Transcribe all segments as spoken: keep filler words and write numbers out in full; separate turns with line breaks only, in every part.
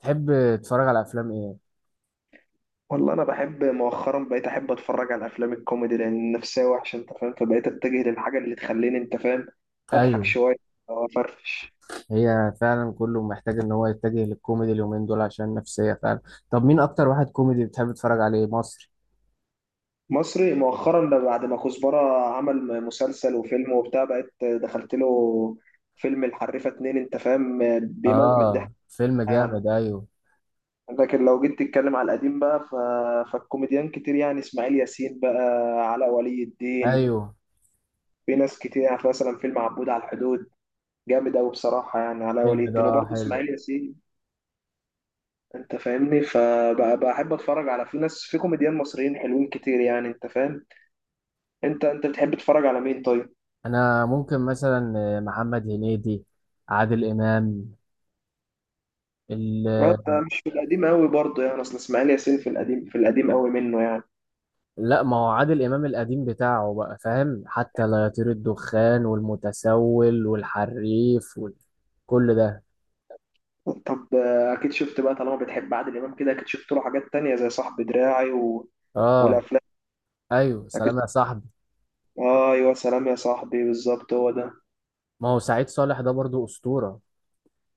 تحب تتفرج على افلام ايه؟
والله انا بحب مؤخرا، بقيت احب اتفرج على افلام الكوميدي لان النفسيه وحشه، انت فاهم، فبقيت اتجه للحاجه اللي تخليني، انت فاهم، اضحك
ايوه.
شويه او افرفش.
هي فعلا كله محتاج ان هو يتجه للكوميدي اليومين دول عشان نفسية فعلا. طب مين اكتر واحد كوميدي بتحب تتفرج عليه مصري؟
مصري مؤخرا ده بعد ما كزبره عمل مسلسل وفيلم وبتاع، بقيت دخلت له فيلم الحريفه اتنين، انت فاهم، بيموت من الضحك.
اه فيلم
يعني
جامد ايوه.
لكن لو جيت تتكلم على القديم بقى ف... فالكوميديان كتير، يعني اسماعيل ياسين بقى، علاء ولي الدين.
ايوه
في ناس كتير يعني، مثلا فيلم عبود على الحدود جامد قوي بصراحه، يعني علاء ولي
الفيلم ده
الدين
آه
وبرضه
حلو.
اسماعيل ياسين. انت فاهمني، فبحب اتفرج على في ناس، في كوميديان مصريين حلوين كتير يعني، انت فاهم. انت انت بتحب تتفرج على مين طيب؟
انا ممكن مثلا محمد هنيدي، عادل امام، ال...
انت مش في القديم قوي برضه، يعني اصل اسماعيل ياسين في القديم، في القديم قوي منه يعني.
لا ما هو عادل امام القديم بتاعه بقى فاهم، حتى لا يطير الدخان والمتسول والحريف وكل ده.
طب آه، اكيد شفت بقى، طالما بتحب عادل امام كده اكيد شفت له حاجات تانية زي صاحب دراعي و...
اه
والافلام.
ايوه
اكيد.
سلام يا صاحبي.
آه، ايوه، سلام يا صاحبي، بالظبط هو ده.
ما هو سعيد صالح ده برضو أسطورة.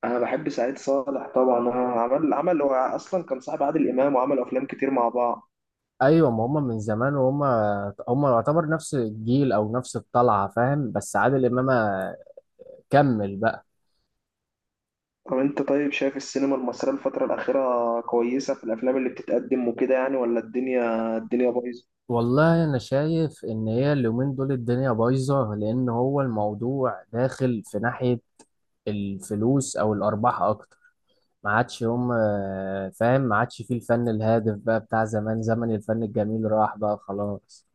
انا بحب سعيد صالح طبعا. آه، عمل عمل هو اصلا كان صاحب عادل امام وعملوا افلام كتير مع بعض.
أيوة ما هم من زمان، وهم هم يعتبر نفس الجيل أو نفس الطلعة فاهم، بس عادل إمام كمل بقى.
طب انت، طيب شايف السينما المصرية الفترة الأخيرة كويسة في الأفلام اللي بتتقدم وكده يعني؟ ولا الدنيا الدنيا بايظة؟
والله أنا شايف إن هي اليومين دول الدنيا بايظة، لأن هو الموضوع داخل في ناحية الفلوس أو الأرباح أكتر. ما عادش هم فاهم، ما عادش فيه الفن الهادف بقى بتاع زمان، زمن الفن الجميل راح بقى خلاص.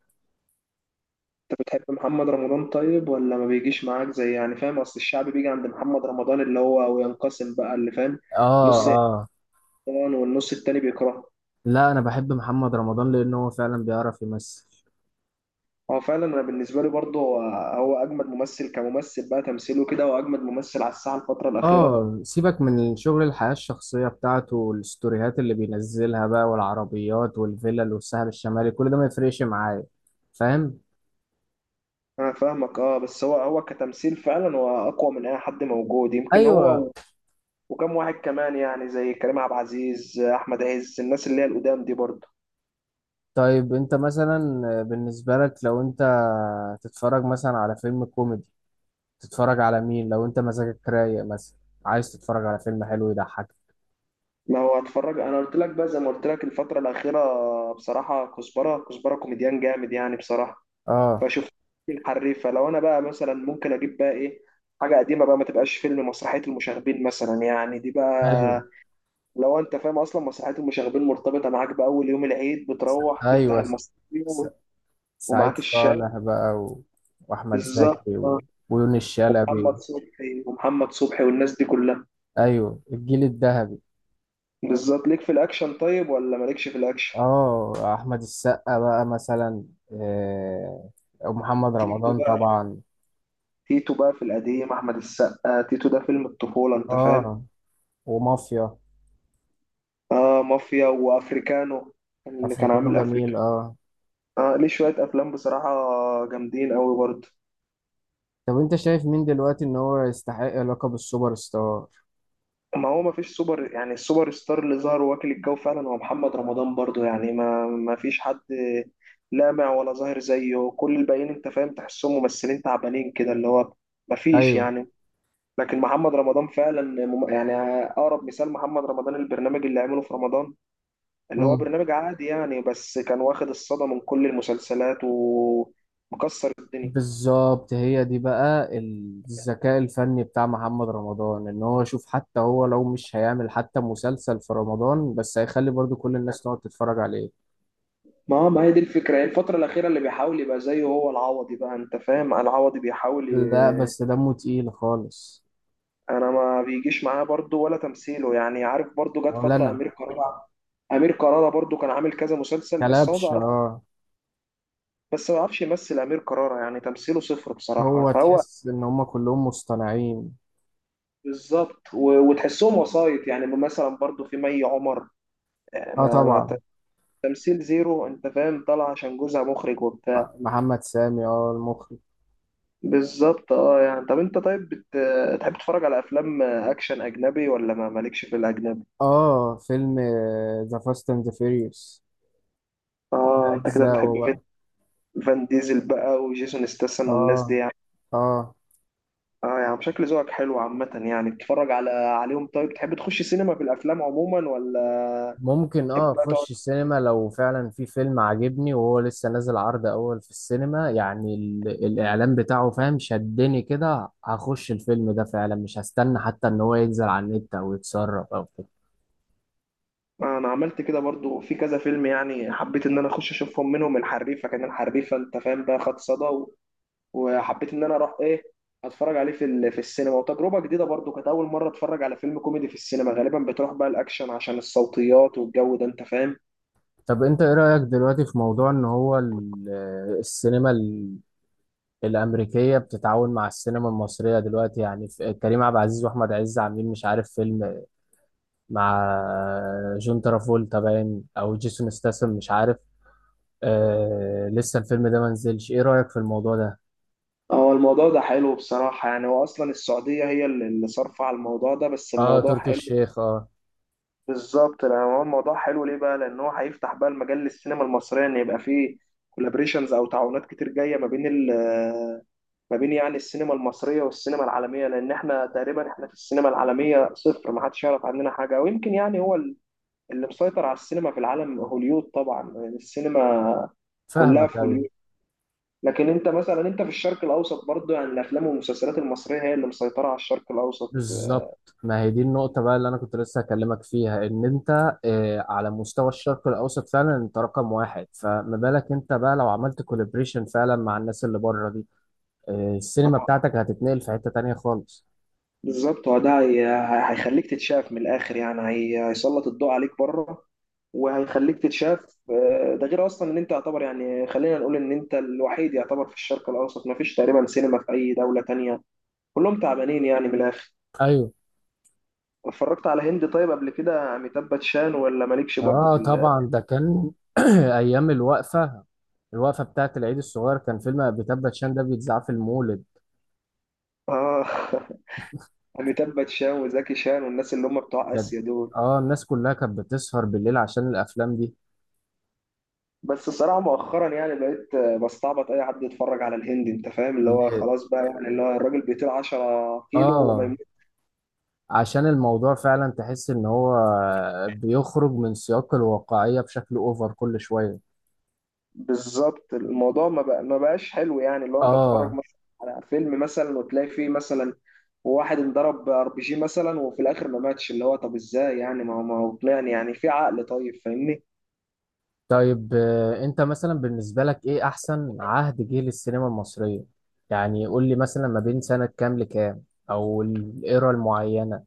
انت بتحب محمد رمضان طيب، ولا ما بيجيش معاك زي يعني، فاهم؟ أصل الشعب بيجي عند محمد رمضان اللي هو وينقسم بقى، اللي فاهم،
آه.
نص
آه.
يحترم والنص التاني بيكرهه.
لا أنا بحب محمد رمضان لأن هو فعلا بيعرف يمثل.
هو فعلا أنا بالنسبة لي برضه، هو هو أجمد ممثل كممثل بقى، تمثيله كده، هو أجمد ممثل على الساحة الفترة الأخيرة.
اه سيبك من الشغل، الحياة الشخصية بتاعته والستوريهات اللي بينزلها بقى والعربيات والفلل والساحل الشمالي كل ده ما يفرقش معايا، فاهم.
أنا فاهمك أه، بس هو هو كتمثيل فعلا هو أقوى من أي حد موجود، يمكن
ايوه.
هو. وكم واحد كمان يعني، زي كريم عبد العزيز، احمد عز، الناس اللي هي القدام دي برضه.
طيب انت مثلا بالنسبة لك لو انت تتفرج مثلا على فيلم كوميدي، تتفرج على مين لو انت مزاجك رايق مثلا، عايز تتفرج على فيلم حلو يضحك؟
ما هو هتفرج، انا قلت لك بقى زي ما قلت لك الفتره الاخيره بصراحه، كزبره كزبره كوميديان جامد يعني بصراحه.
اه
فشفت الحريفه. لو انا بقى مثلا ممكن اجيب بقى ايه حاجه قديمه بقى، ما تبقاش فيلم، مسرحيه المشاغبين مثلا يعني دي بقى.
ايوه.
لو انت فاهم اصلا مسرحيه المشاغبين مرتبطه معاك باول يوم العيد،
س-
بتروح تفتح
ايوه. س- س-
المسرحيه
سعيد
ومعاك الشاي.
صالح بقى و... واحمد
بالظبط.
زكي و... ويونس شلبي.
محمد صبحي ومحمد صبحي والناس دي كلها.
ايوه الجيل الذهبي.
بالظبط. ليك في الاكشن طيب، ولا مالكش في الاكشن؟
اه احمد السقا بقى مثلا، آه، ومحمد
تيتو
رمضان
بقى
طبعا.
تيتو بقى في القديم، احمد السقا تيتو، ده فيلم الطفوله، انت فاهم.
اه ومافيا.
اه، مافيا وافريكانو، اللي كان
افريكانو
عامل افريكا.
جميل اه.
اه، ليه شويه افلام بصراحه جامدين قوي برضه.
طب انت شايف مين دلوقتي ان هو يستحق لقب السوبر ستار؟
ما هو ما فيش سوبر، يعني السوبر ستار اللي ظهر واكل الجو فعلا هو محمد رمضان برضه يعني. ما ما فيش حد لامع ولا ظاهر زيه، كل الباقيين انت فاهم تحسهم ممثلين تعبانين كده، اللي هو ما فيش
ايوه.
يعني. لكن محمد رمضان فعلا مم- يعني اقرب مثال محمد رمضان البرنامج اللي عمله في رمضان، اللي هو
مم.
برنامج عادي يعني، بس كان واخد الصدى من كل المسلسلات ومكسر الدنيا.
بالظبط، هي دي بقى الذكاء الفني بتاع محمد رمضان، ان هو شوف حتى هو لو مش هيعمل حتى مسلسل في رمضان بس هيخلي برضو كل الناس تقعد تتفرج عليه.
ما هو ما هي دي الفكرة، هي الفترة الأخيرة اللي بيحاول يبقى زيه هو العوضي بقى، أنت فاهم، العوضي بيحاول
لا
ي...
بس دمه تقيل خالص.
أنا ما بيجيش معاه برضه، ولا تمثيله يعني، عارف، برضه جت
ولا
فترة
انا.
أمير كرارة. أمير كرارة برضه كان عامل كذا مسلسل، بس هو
كلبش
بيعرف،
اه.
بس ما بيعرفش يمثل أمير كرارة، يعني تمثيله صفر بصراحة.
هو
فهو
تحس ان هم كلهم مصطنعين.
بالظبط. و- وتحسهم وسايط يعني، مثلا برضو في مي عمر. آه،
اه
ما ما
طبعا.
ت- تمثيل زيرو، انت فاهم، طالع عشان جوزها مخرج
م-
وبتاع.
محمد سامي، اه المخرج.
بالظبط اه يعني. طب انت، طيب بت... تحب تتفرج على افلام اكشن اجنبي، ولا ما مالكش في الاجنبي؟
اه فيلم ذا فاست اند فيريوس، كل
اه، انت كده بتحب
اجزاءه بقى.
فين- فان ديزل بقى، وجيسون ستاثام، والناس دي
اه.
يعني.
اه.
اه يعني شكل ذوقك حلو عامة يعني، بتتفرج على عليهم. طيب تحب تخش سينما في الافلام عموما، ولا
ممكن
تحب
اه
بقى تقعد؟
اخش السينما لو فعلا في فيلم عاجبني وهو لسه نازل عرض اول في السينما، يعني ال... الاعلان بتاعه فاهم شدني كده، هخش الفيلم ده فعلا مش هستنى حتى ان هو ينزل على النت او يتسرب او كده.
انا عملت كده برضو في كذا فيلم، يعني حبيت ان انا اخش اشوفهم، منهم الحريفه. كان الحريفه انت فاهم بقى خد صدى، و- وحبيت ان انا اروح ايه، اتفرج عليه في ال- في السينما، وتجربه جديده برضو، كانت اول مره اتفرج على فيلم كوميدي في السينما. غالبا بتروح بقى الاكشن عشان الصوتيات والجو ده، انت فاهم.
طب انت ايه رأيك دلوقتي في موضوع ان هو ال- آه، السينما الأمريكية بتتعاون مع السينما المصرية دلوقتي، يعني في- كريم عبد العزيز وأحمد عز عاملين مش عارف فيلم مع جون ترافولتا باين أو جيسون ستاثام مش عارف، آه لسه الفيلم ده منزلش، إيه رأيك في الموضوع ده؟
هو الموضوع ده حلو بصراحه يعني، هو اصلا السعوديه هي اللي اللي صارفه على الموضوع ده، بس
آه
الموضوع
تركي
حلو.
الشيخ آه.
بالظبط، لأن هو الموضوع حلو ليه بقى؟ لان هو هيفتح بقى المجال للسينما المصريه، ان يبقى فيه كولابريشنز او تعاونات كتير جايه ما بين ال ما بين يعني السينما المصريه والسينما العالميه، لان احنا تقريبا احنا في السينما العالميه صفر، ما حدش يعرف عننا حاجه. ويمكن يعني هو اللي مسيطر على السينما في العالم هوليود طبعا، يعني السينما كلها
فاهمك
في
أيوه
هوليود. لكن انت مثلا، انت في الشرق الاوسط برضه، يعني الافلام والمسلسلات المصريه هي اللي مسيطره على الشرق الاوسط.
بالظبط، ما هي دي النقطة بقى اللي أنا كنت لسه هكلمك فيها، إن أنت آه على مستوى الشرق الأوسط فعلا أنت رقم واحد، فما بالك أنت بقى لو عملت كولابريشن فعلا مع الناس اللي بره دي، آه، السينما بتاعتك هتتنقل في حتة تانية خالص.
بالظبط هو ده، هي- هي- هيخليك تتشاف من الاخر يعني، هي- هيسلط الضوء عليك بره وهيخليك تتشاف. آه، ده غير اصلا ان انت يعتبر يعني، خلينا نقول ان انت الوحيد يعتبر في الشرق الاوسط، ما فيش تقريبا سينما في اي دوله تانية، كلهم تعبانين يعني من الاخر.
ايوه.
اتفرجت على هند طيب قبل كده؟ اميتاب باتشان، ولا مالكش برضه
اه
في ال...
طبعا ده كان ايام الوقفة، الوقفة بتاعت العيد الصغير كان فيلم بتبت شان ده بيتذاع في المولد.
اه اميتاب باتشان وزكي شان والناس اللي هم بتوع
بجد.
اسيا دول.
اه الناس كلها كانت بتسهر بالليل عشان الافلام دي.
بس الصراحة مؤخرا يعني بقيت بستعبط أي حد يتفرج على الهندي، أنت فاهم، اللي هو خلاص بقى يعني اللي هو الراجل بيطير عشرة كيلو وما
اه.
يموت.
عشان الموضوع فعلا تحس ان هو بيخرج من سياق الواقعية بشكل اوفر كل شوية.
بالظبط، الموضوع ما بقى ما بقاش حلو يعني، اللي هو أنت تتفرج
اه.
مثلا على فيلم مثلا، وتلاقي فيه مثلا واحد انضرب ار بي جي مثلا، وفي الآخر ما ماتش، اللي هو طب إزاي يعني؟ ما هو ما هو يعني يعني في عقل طيب؟ فاهمني.
طيب آه، انت مثلا بالنسبة لك ايه احسن عهد جه للسينما المصرية؟ يعني قول لي مثلا ما بين سنة كام لكام، او الايرا المعينة.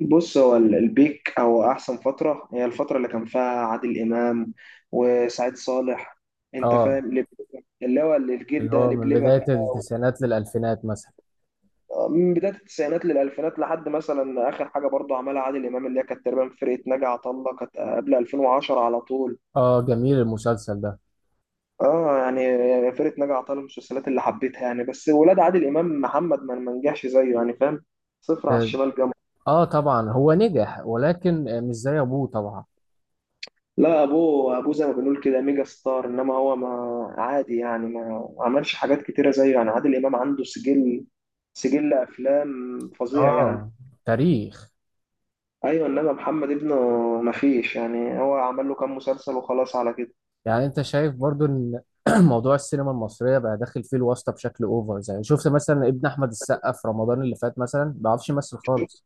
بص هو ال- البيك او احسن فتره، هي الفتره اللي كان فيها عادل امام وسعيد صالح، انت
اه
فاهم، لب- اللي هو الجيل
اللي
ده
هو من
لبلبه
بداية
بقى،
التسعينات للالفينات مثلا.
و- من بدايه التسعينات للالفينات، لحد مثلا اخر حاجه برضه عملها عادل امام اللي هي كانت تقريبا فرقه ناجي عطا الله، كانت قبل ألفين وعشرة على طول.
اه جميل المسلسل ده.
اه يعني فرقه ناجي عطا الله من المسلسلات اللي حبيتها يعني، بس ولاد عادل امام، محمد ما ما نجحش زيه يعني، فاهم، صفر على
اه
الشمال جنب.
آه، طبعا هو نجح ولكن آه، مش زي ابوه طبعا.
لا ابوه ابوه زي ما بنقول كده ميجا ستار، انما هو ما عادي يعني، ما عملش حاجات كتيره زيه يعني. عادل امام عنده سجل سجل افلام فظيع يعني.
اه تاريخ.
ايوه انما محمد ابنه ما فيش يعني، هو عمل له كام مسلسل وخلاص على كده.
يعني انت شايف برضو ان موضوع السينما المصرية بقى داخل فيه الواسطة بشكل اوفر، زي شفت مثلا ابن احمد السقا في رمضان اللي فات مثلا ما بيعرفش يمثل خالص.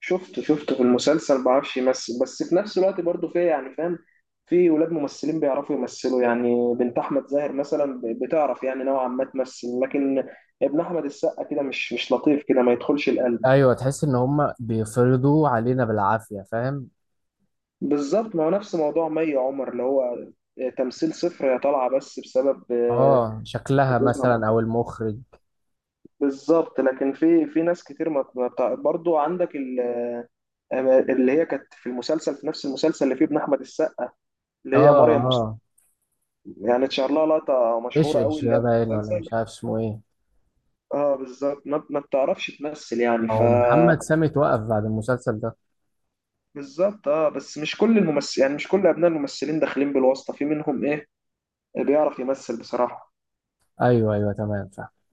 شفته شفته في المسلسل ما بعرفش يمثل، بس في نفس الوقت برضه في يعني، فاهم، في ولاد ممثلين بيعرفوا يمثلوا يعني، بنت احمد زاهر مثلا ب- بتعرف يعني نوعا ما تمثل، لكن ابن احمد السقا كده مش مش لطيف، كده ما يدخلش القلب.
ايوه تحس ان هم بيفرضوا علينا بالعافيه، فاهم.
بالظبط، ما هو نفس موضوع مي عمر، اللي هو تمثيل صفر، هي طالعه بس بسبب آه،
اه شكلها
جوزها
مثلا
مر-
او المخرج.
بالظبط، لكن في في ناس كتير ما ما بتاع- برضو عندك ال- اللي هي كانت في المسلسل، في نفس المسلسل اللي فيه ابن احمد السقا، اللي
اه.
هي مريم مصطفى.
اه
يعني اتشهر لها لقطه
ايش
مشهوره قوي
ايش
اللي
ده
هي
باين
في
ولا
المسلسل.
مش عارف اسمه ايه.
اه بالظبط، ما, ما بتعرفش تمثل يعني ف
او محمد سامي توقف بعد المسلسل ده.
بالظبط اه، بس مش كل الممثل يعني، مش كل ابناء الممثلين داخلين بالواسطه، في منهم ايه بيعرف يمثل بصراحه.
ايوه ايوه تمام فاهم.